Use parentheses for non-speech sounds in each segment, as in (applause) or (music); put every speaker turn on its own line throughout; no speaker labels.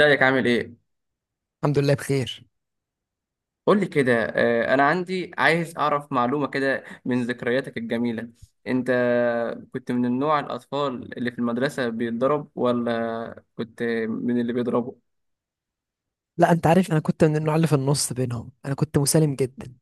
رأيك عامل ايه؟
الحمد لله بخير.
قول لي كده انا عندي عايز اعرف معلومة كده من ذكرياتك الجميلة. انت كنت من النوع الاطفال اللي في المدرسة بيتضرب ولا كنت من اللي بيضربوا؟
لا، انت عارف انا كنت من النوع اللي في النص بينهم، انا كنت مسالم جدا.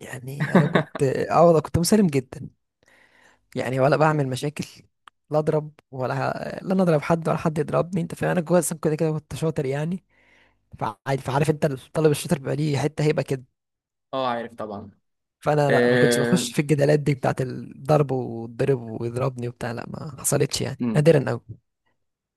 يعني انا كنت
(laughs)
والله كنت مسالم جدا. يعني ولا بعمل مشاكل. لا اضرب ولا، لا انا اضرب حد ولا حد يضربني. انت فاهم؟ انا جوه اصلا كده كده كنت شاطر يعني. فعادي، فعارف انت الطالب الشاطر بيبقى ليه حته هيبه كده.
اه، عارف طبعا.
فانا لا، ما كنتش
آه،
بخش في الجدالات دي بتاعت الضرب واتضرب ويضربني وبتاع. لا ما حصلتش يعني، نادرا قوي.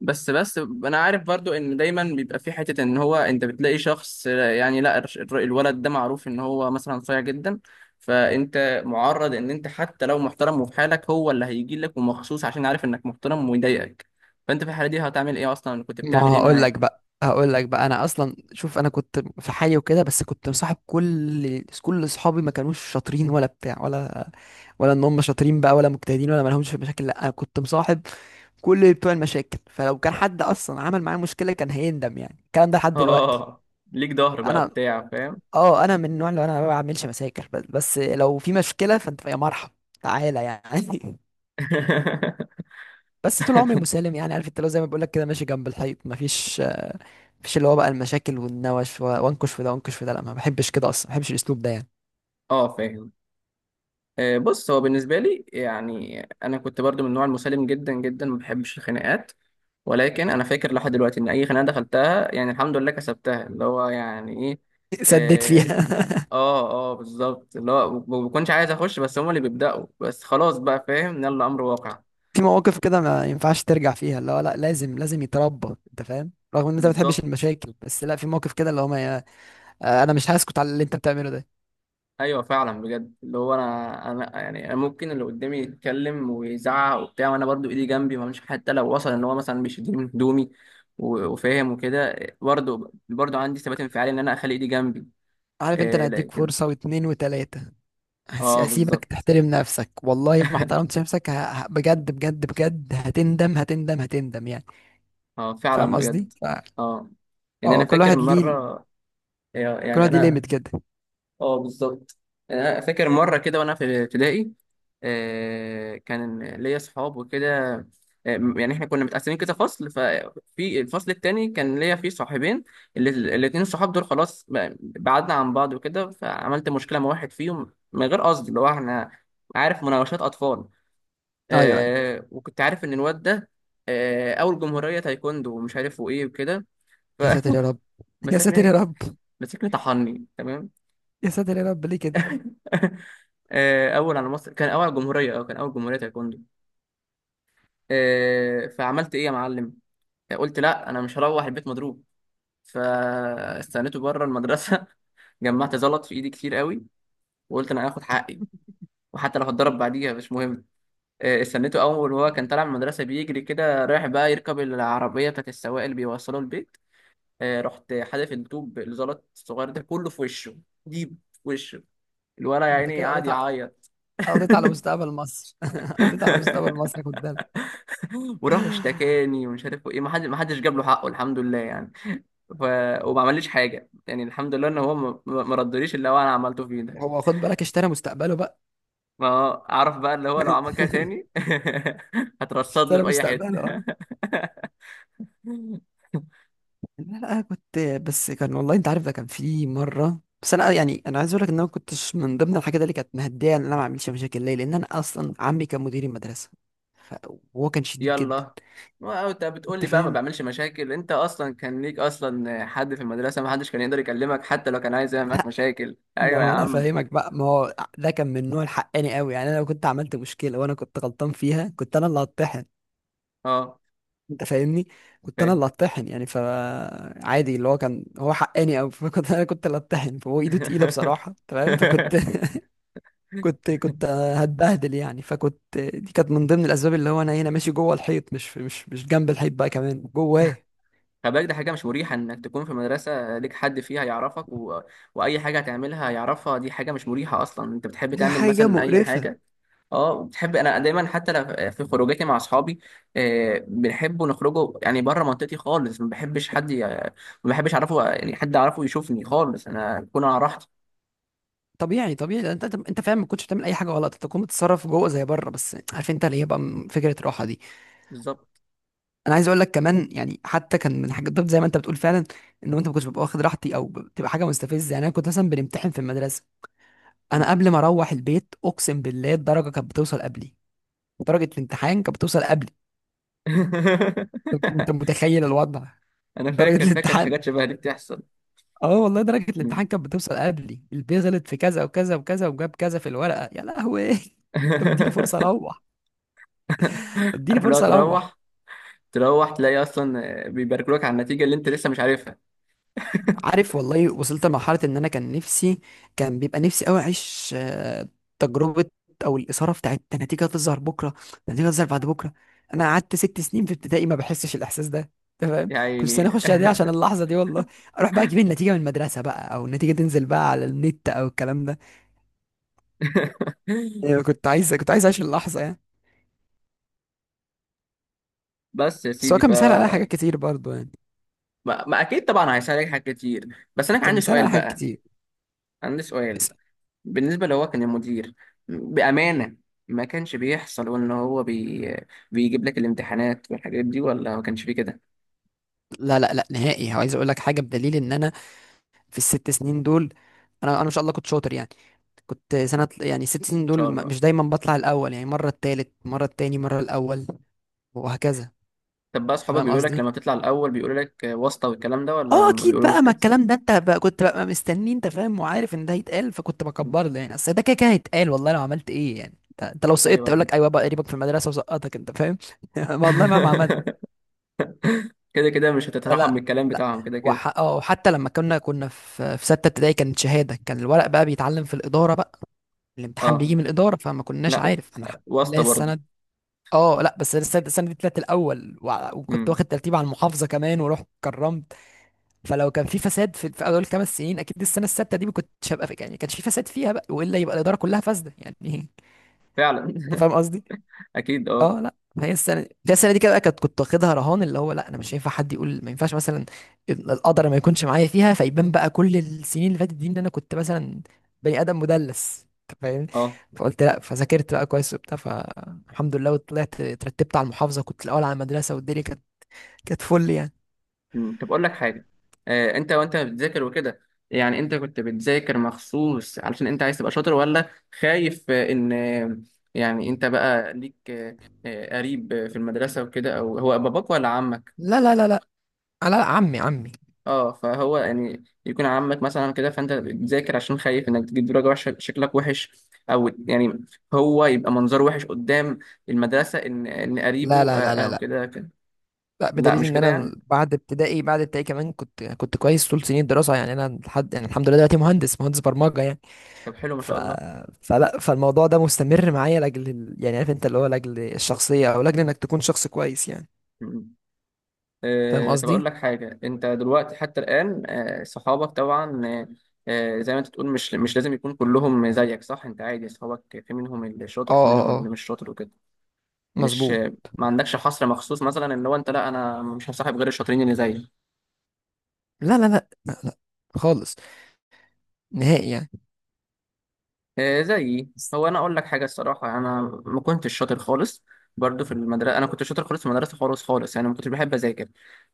بس انا عارف برضو ان دايما بيبقى في حته، ان هو انت بتلاقي شخص، يعني لا الولد ده معروف ان هو مثلا صايع جدا، فانت معرض ان انت حتى لو محترم وفي حالك، هو اللي هيجي لك ومخصوص عشان عارف انك محترم ويضايقك. فانت في الحاله دي هتعمل ايه؟ اصلا كنت
ما
بتعمل ايه
هقول
معاه؟
لك بقى، هقول لك بقى، انا اصلا شوف، انا كنت في حالي وكده، بس كنت مصاحب كل اصحابي. ما كانوش شاطرين ولا بتاع، ولا، ولا ان هم شاطرين بقى ولا مجتهدين ولا ما لهمش في المشاكل. لا، انا كنت مصاحب كل بتوع المشاكل، فلو كان حد اصلا عمل معايا مشكله كان هيندم يعني. الكلام ده لحد دلوقتي.
اه، ليك ظهر بقى
انا،
بتاع فاهم.
اه انا من النوع اللي انا ما بعملش مشاكل، بس، بس لو في مشكله فانت يا مرحب تعالى يعني.
(laughs)
(laughs) بس طول عمري مسالم يعني، عارف انت، لو زي ما بقول لك كده ماشي جنب الحيط، مفيش اللي هو بقى المشاكل والنوش وانكش في ده وانكش في ده. لا، ما بحبش كده، اصلا ما بحبش الاسلوب ده يعني.
اه، فاهم. بص، هو بالنسبه لي يعني انا كنت برضو من النوع المسالم جدا جدا، ما بحبش الخناقات، ولكن انا فاكر لحد دلوقتي ان اي خناقه دخلتها يعني الحمد لله كسبتها، اللي هو يعني ايه.
(laughs) سديت
إيه،
فيها.
اه، اه، بالظبط، اللي هو ما بكونش عايز اخش، بس هم اللي بيبداوا، بس خلاص بقى فاهم، يلا امر واقع.
(laughs) في مواقف كده ما ينفعش ترجع فيها، اللي هو لا، لازم لازم يتربى. انت فاهم رغم ان انت ما بتحبش
بالظبط.
المشاكل، بس لا، في مواقف كده اللي هو ما ي- آه، انا مش هسكت على اللي انت بتعمله ده.
ايوه فعلا بجد، اللي هو انا يعني انا ممكن اللي قدامي يتكلم ويزعق وبتاع، وانا برضو ايدي جنبي، ما مش حتى لو وصل ان هو مثلا بيشدني من هدومي وفاهم وكده، برضو عندي ثبات انفعالي ان انا اخلي ايدي جنبي.
عارف انت،
إيه،
انا هديك
لكن
فرصة واتنين وتلاتة.
اه،
هسيبك
بالظبط.
تحترم نفسك، والله ما احترمتش نفسك بجد بجد بجد، هتندم هتندم هتندم يعني.
اه،
فاهم
فعلا
قصدي؟
بجد. اه، يعني انا
اه، كل
فاكر
واحد ليه،
مره،
كل
يعني
واحد ليه ليميت
انا
كده.
اه، بالظبط. يعني انا فاكر مره كده وانا في ابتدائي. كان ليا اصحاب وكده. يعني احنا كنا متقسمين كده فصل، ففي الفصل التاني كان ليا فيه صاحبين. ال- الاتنين الصحاب دول خلاص، بعدنا عن بعض وكده، فعملت مشكله مع واحد فيهم من غير قصد، اللي هو احنا، عارف، مناوشات اطفال.
ايوه ايوه.
وكنت عارف ان الواد ده اول جمهوريه تايكوندو، ومش عارف وايه وكده.
يا ساتر يا رب. (laughs) يا ساتر يا
مسكني،
رب.
مسكني طحني تمام.
يا ساتر يا رب، ليه كده؟
(laughs) اول على مصر، كان اول على الجمهوريه، اه كان اول جمهوريه تايكوندو. فعملت ايه يا معلم؟ قلت لا، انا مش هروح البيت مضروب، فاستنيته بره المدرسه. (laughs) جمعت زلط في ايدي كتير قوي، وقلت انا هاخد حقي، وحتى لو هتضرب بعديها مش مهم. استنيته، اول وهو كان طالع من المدرسه بيجري كده رايح بقى يركب العربيه بتاعت السواق اللي بيوصله البيت، رحت حادف الطوب الزلط الصغير ده كله في وشه، ديب في وشه. الولد يا
انت
عيني
كده
قعد يعيط.
قضيت على
(laughs)
مستقبل مصر. (laughs) قضيت على مستقبل
(laughs)
مصر، خد بالك.
وراح اشتكاني ومش عارف ايه، ما حد ما حدش جاب له حقه الحمد لله يعني. ف... وما عمليش حاجه يعني، الحمد لله ان هو ما ردليش اللي هو انا عملته فيه ده.
هو خد بالك، اشترى مستقبله بقى.
ما هو اعرف بقى اللي هو لو عمل كده
(laughs)
تاني (laughs) هترصد له
اشترى
في اي حته.
مستقبله. اه.
(laughs)
لا لا، أنا كنت، بس كان والله انت عارف ده كان في مره، بس انا يعني انا عايز اقول لك ان انا ما كنتش من ضمن الحاجات اللي كانت مهديه ان انا ما اعملش مشاكل، ليه؟ لان انا اصلا عمي كان مدير المدرسه. ف- وهو كان شديد جدا.
يلا، وانت بتقول
انت
لي بقى ما
فاهم؟
بعملش مشاكل، انت اصلا كان ليك اصلا حد في المدرسه، ما حدش كان يقدر يكلمك حتى لو كان عايز يعمل معاك
لا،
مشاكل،
ما
ايوه يا
هو انا
عم.
فاهمك بقى، ما هو ده كان من نوع الحقاني قوي يعني. انا لو كنت عملت مشكله وانا كنت غلطان فيها كنت انا اللي هطحن.
اه،
انت فاهمني؟ كنت انا
فاهم.
اللي اتطحن يعني. فعادي، اللي هو كان هو حقاني قوي. (laughs) فكنت، انا كنت اللي اتطحن، فهو ايده تقيله بصراحه، تمام. فكنت (laughs)
(laughs)
كنت هتبهدل يعني. فكنت دي كانت من ضمن الاسباب اللي هو انا هنا ماشي جوه الحيط، مش جنب الحيط بقى، كمان جواه.
خلي بالك ده حاجة مش مريحة إنك تكون في مدرسة ليك حد فيها يعرفك، وأي حاجة هتعملها يعرفها، دي حاجة مش مريحة أصلا. أنت بتحب
دي
تعمل
حاجة
مثلا أي
مقرفة.
حاجة، أه، وبتحب، أنا دايما حتى لو في خروجاتي مع أصحابي بنحبوا نخرجوا يعني بره منطقتي خالص، ما بحبش حد ما بحبش أعرفه، يعني حد أعرفه يشوفني خالص، أنا أكون على راحتي.
طبيعي طبيعي، لأن انت، انت فعلا ما كنتش بتعمل اي حاجه غلط. انت كنت بتتصرف جوه زي بره، بس عارف انت اللي هي بقى فكره راحه دي.
بالظبط.
انا عايز اقول لك كمان يعني، حتى كان من حاجات بالظبط زي ما انت بتقول فعلا، ان انت ما كنتش ببقى واخد راحتي، او بتبقى حاجه مستفزه يعني. انا كنت مثلا بنمتحن في المدرسه، انا
مم.
قبل ما اروح البيت اقسم بالله الدرجه كانت بتوصل قبلي. درجه الامتحان كانت بتوصل قبلي.
(laughs)
انت متخيل الوضع؟
أنا
درجه
فاكر،
الامتحان،
حاجات شبه دي بتحصل.
اه والله درجه
مم.
الامتحان كانت بتوصل قبلي. البي غلط في كذا وكذا وكذا، وجاب كذا في الورقه. يا لهوي! (laughs) انت بتديني فرصه
(laughs)
اروح؟ اديني
عارف، اللي هو
فرصه اروح.
تروح، تروح تلاقي اصلا بيباركولك على النتيجه اللي انت لسه مش عارفها
عارف، والله وصلت لمرحلة إن أنا كان نفسي، كان بيبقى نفسي أوي أعيش تجربة أو الإثارة بتاعت ده النتيجة هتظهر بكرة، ده النتيجة هتظهر بعد بكرة. أنا قعدت 6 سنين في ابتدائي ما بحسش الإحساس ده. تمام، كنت سنة
يعني.
أخش إعدادي عشان اللحظة دي والله، أروح بقى أجيب النتيجة من المدرسة بقى، أو النتيجة تنزل بقى على النت، أو الكلام ده.
(laughs)
يعني كنت عايز، كنت عايز أعيش اللحظة يعني.
بس يا
بس هو
سيدي.
كان مثال على حاجات كتير برضه يعني،
ما اكيد طبعا هيسالك حاجات كتير، بس انا كان
كان
عندي
مثال على
سؤال
حاجات
بقى،
كتير.
عندي سؤال.
بس-
بالنسبه لو هو كان المدير، بامانه، ما كانش بيحصل وان هو بيجيب لك الامتحانات والحاجات دي، ولا ما كانش فيه كده؟ ان
لا لا لا نهائي. عايز أقول لك حاجة، بدليل إن أنا في الست سنين دول، أنا، أنا إن شاء الله كنت شاطر يعني. كنت سنة يعني 6 سنين
شاء
دول
الله.
مش دايما بطلع الأول يعني، مرة التالت، مرة التاني، مرة الأول، وهكذا.
طب بقى
أنت
اصحابك
فاهم
بيقولوا لك
قصدي؟
لما تطلع الاول بيقولوا لك واسطه والكلام ده، ولا
اه،
ما
اكيد
بيقولولوش
بقى. ما
كده؟
الكلام ده انت بقى كنت بقى مستني، انت فاهم، وعارف ان ده هيتقال فكنت بكبر له يعني. اصل ده كده كده هيتقال. والله لو عملت ايه يعني، انت، أنت لو سقطت
ايوه،
اقول
اكيد.
لك ايوه بقى قريبك في المدرسه وسقطك. انت فاهم؟ (laughs) والله مهما عملت.
(laughs) كده كده مش هتترحم من
فلا،
الكلام
لا.
بتاعهم كده كده.
اه، وحتى لما كنا في سته ابتدائي كانت شهاده، كان الورق بقى بيتعلم في الاداره بقى، الامتحان بيجي
اه،
من الاداره، فما كناش
لا،
عارف. انا الحمد لله
واسطة برضه.
السنه، اه لا، بس انا السنه، السنة دي طلعت الاول، وكنت
امم
واخد ترتيب على المحافظه كمان، ورحت كرمت. فلو كان في فساد في، في اول 5 سنين، اكيد السنه السادسه دي ما كنتش هبقى في، يعني ما كانش في فساد فيها بقى، والا يبقى الاداره كلها فاسده يعني.
فعلا.
(laughs) انت
(laughs)
فاهم قصدي؟
اكيد، اه.
اه لا، هي السنه دي، هي السنه دي كده كنت، كنت واخدها رهان، اللي هو لا انا مش هينفع حد يقول ما ينفعش، مثلا القدر ما يكونش معايا فيها، فيبان بقى كل السنين اللي فاتت دي ان انا كنت مثلا بني ادم مدلس. أنت فاهمني؟
اه،
فقلت لا، فذاكرت بقى كويس وبتاع، فالحمد لله، وطلعت اترتبت على المحافظه، كنت الاول على المدرسه، والدنيا كانت، كانت فل يعني.
مم. طب اقول لك حاجة، انت وانت بتذاكر وكده، يعني انت كنت بتذاكر مخصوص علشان انت عايز تبقى شاطر، ولا خايف ان يعني انت بقى ليك قريب في المدرسة وكده، او هو باباك ولا عمك؟
لا لا لا لا لا، لا، عمي، عمي.
اه، فهو يعني يكون عمك مثلا كده، فانت بتذاكر عشان خايف انك تجيب درجه وحشه شكلك وحش، او يعني هو يبقى منظره وحش قدام المدرسه ان
لا
قريبه
لا لا لا
او
لا،
كده كده.
لا،
لا،
بدليل
مش
ان
كده
انا
يعني.
بعد ابتدائي، بعد ابتدائي كمان كنت كويس طول سنين الدراسه يعني. انا لحد يعني الحمد لله دلوقتي مهندس، مهندس برمجه يعني.
طب حلو ما
ف...
شاء الله.
فلا، فالموضوع ده مستمر معايا لاجل يعني عارف انت اللي هو لاجل الشخصيه، او لاجل انك تكون شخص كويس يعني.
م-
فاهم
طب اقول
قصدي؟
لك حاجه، انت دلوقتي حتى الان صحابك طبعا، زي ما انت تقول مش لازم يكون كلهم زيك صح؟ انت عادي، صحابك في منهم اللي
اه
شاطر، في
اه
منهم اللي
اه،
مش شاطر وكده. مش
مظبوط.
ما عندكش حصر مخصوص مثلا ان هو انت لا، انا مش هصاحب غير الشاطرين اللي زيي
لا لا لا لا لا، خالص، نهائي يعني.
زيي. هو انا اقول لك حاجه الصراحه، انا ما كنتش شاطر خالص برضو في المدرسه، انا كنت شاطر خالص في المدرسه، خالص خالص يعني، ما كنتش بحب اذاكر.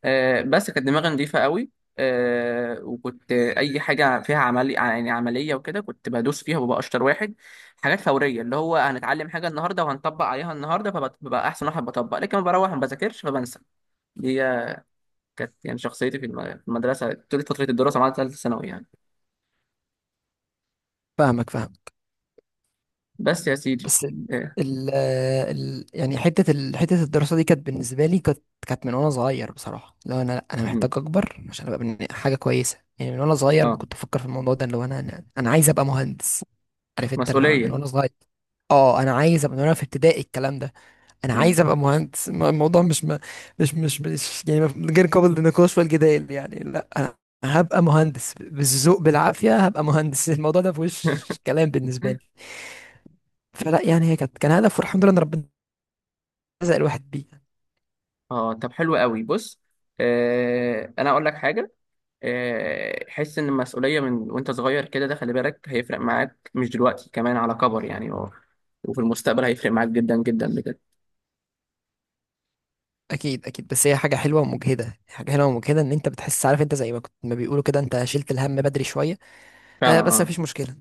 بس كانت دماغي نظيفه قوي. وكنت اي حاجه فيها عملي، يعني عمليه وكده كنت بدوس فيها وببقى اشطر واحد. حاجات فوريه، اللي هو هنتعلم حاجه النهارده وهنطبق عليها النهارده فببقى احسن واحد بطبق، لكن لما بروح ما بذاكرش فبنسى دي. كانت يعني شخصيتي في في المدرسه طول فتره الدراسه مع ثالثه ثانوي يعني.
فاهمك، فاهم.
بس يا سيدي.
بس
آه،
ال... يعني حته حته الدراسه دي كانت بالنسبه لي كانت، كانت من وانا صغير بصراحه. لو انا، لا انا
مم.
محتاج اكبر عشان ابقى حاجه كويسه يعني. من وانا صغير
اه،
كنت افكر في الموضوع ده، اللي هو انا، انا، أنا عايز ابقى مهندس. عارف انت اللي هو من
مسؤوليه.
وانا صغير، اه انا عايز ابقى، من وانا في ابتدائي الكلام ده، انا عايز ابقى مهندس. الموضوع مش يعني غير قابل للنقاش والجدال يعني. لا، انا هبقى مهندس، بالذوق بالعافيه هبقى مهندس. الموضوع ده في وش
(laughs)
كلام بالنسبه لي. فلا يعني، هي كانت، كان هدف، والحمد لله ان ربنا رزق الواحد بيه.
اه، طب حلو قوي بص، انا اقول لك حاجه، حس ان المسؤوليه من وانت صغير كده ده خلي بالك هيفرق معاك، مش دلوقتي كمان على كبر يعني، وفي المستقبل هيفرق معاك جدا جدا بجد.
اكيد اكيد، بس هي حاجه حلوه ومجهده، حاجه حلوه ومجهده، ان انت بتحس، عارف انت، زي ما كنت، ما بيقولوا كده، انت شلت الهم بدري شويه.
فعلا،
آه، بس
اه.
مفيش مشكله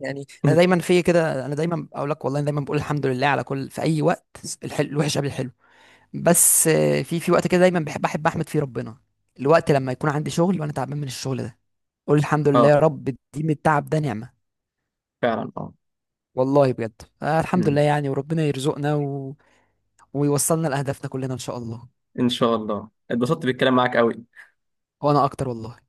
يعني. انا دايما
(laughs)
في كده، انا دايما اقول لك والله، أنا دايما بقول الحمد لله على كل، في اي وقت، الحلو، الوحش قبل الحلو. بس في وقت كده دايما بحب، احب احمد فيه ربنا الوقت لما يكون عندي شغل وانا تعبان من الشغل ده، اقول الحمد لله
اه،
يا رب، دي من التعب ده نعمة.
فعلا، اه.
والله بجد. آه، الحمد
مم.
لله يعني. وربنا يرزقنا ويوصلنا لأهدافنا كلنا إن شاء الله.
ان شاء الله. اتبسطت بالكلام معاك قوي.
وأنا أكتر والله.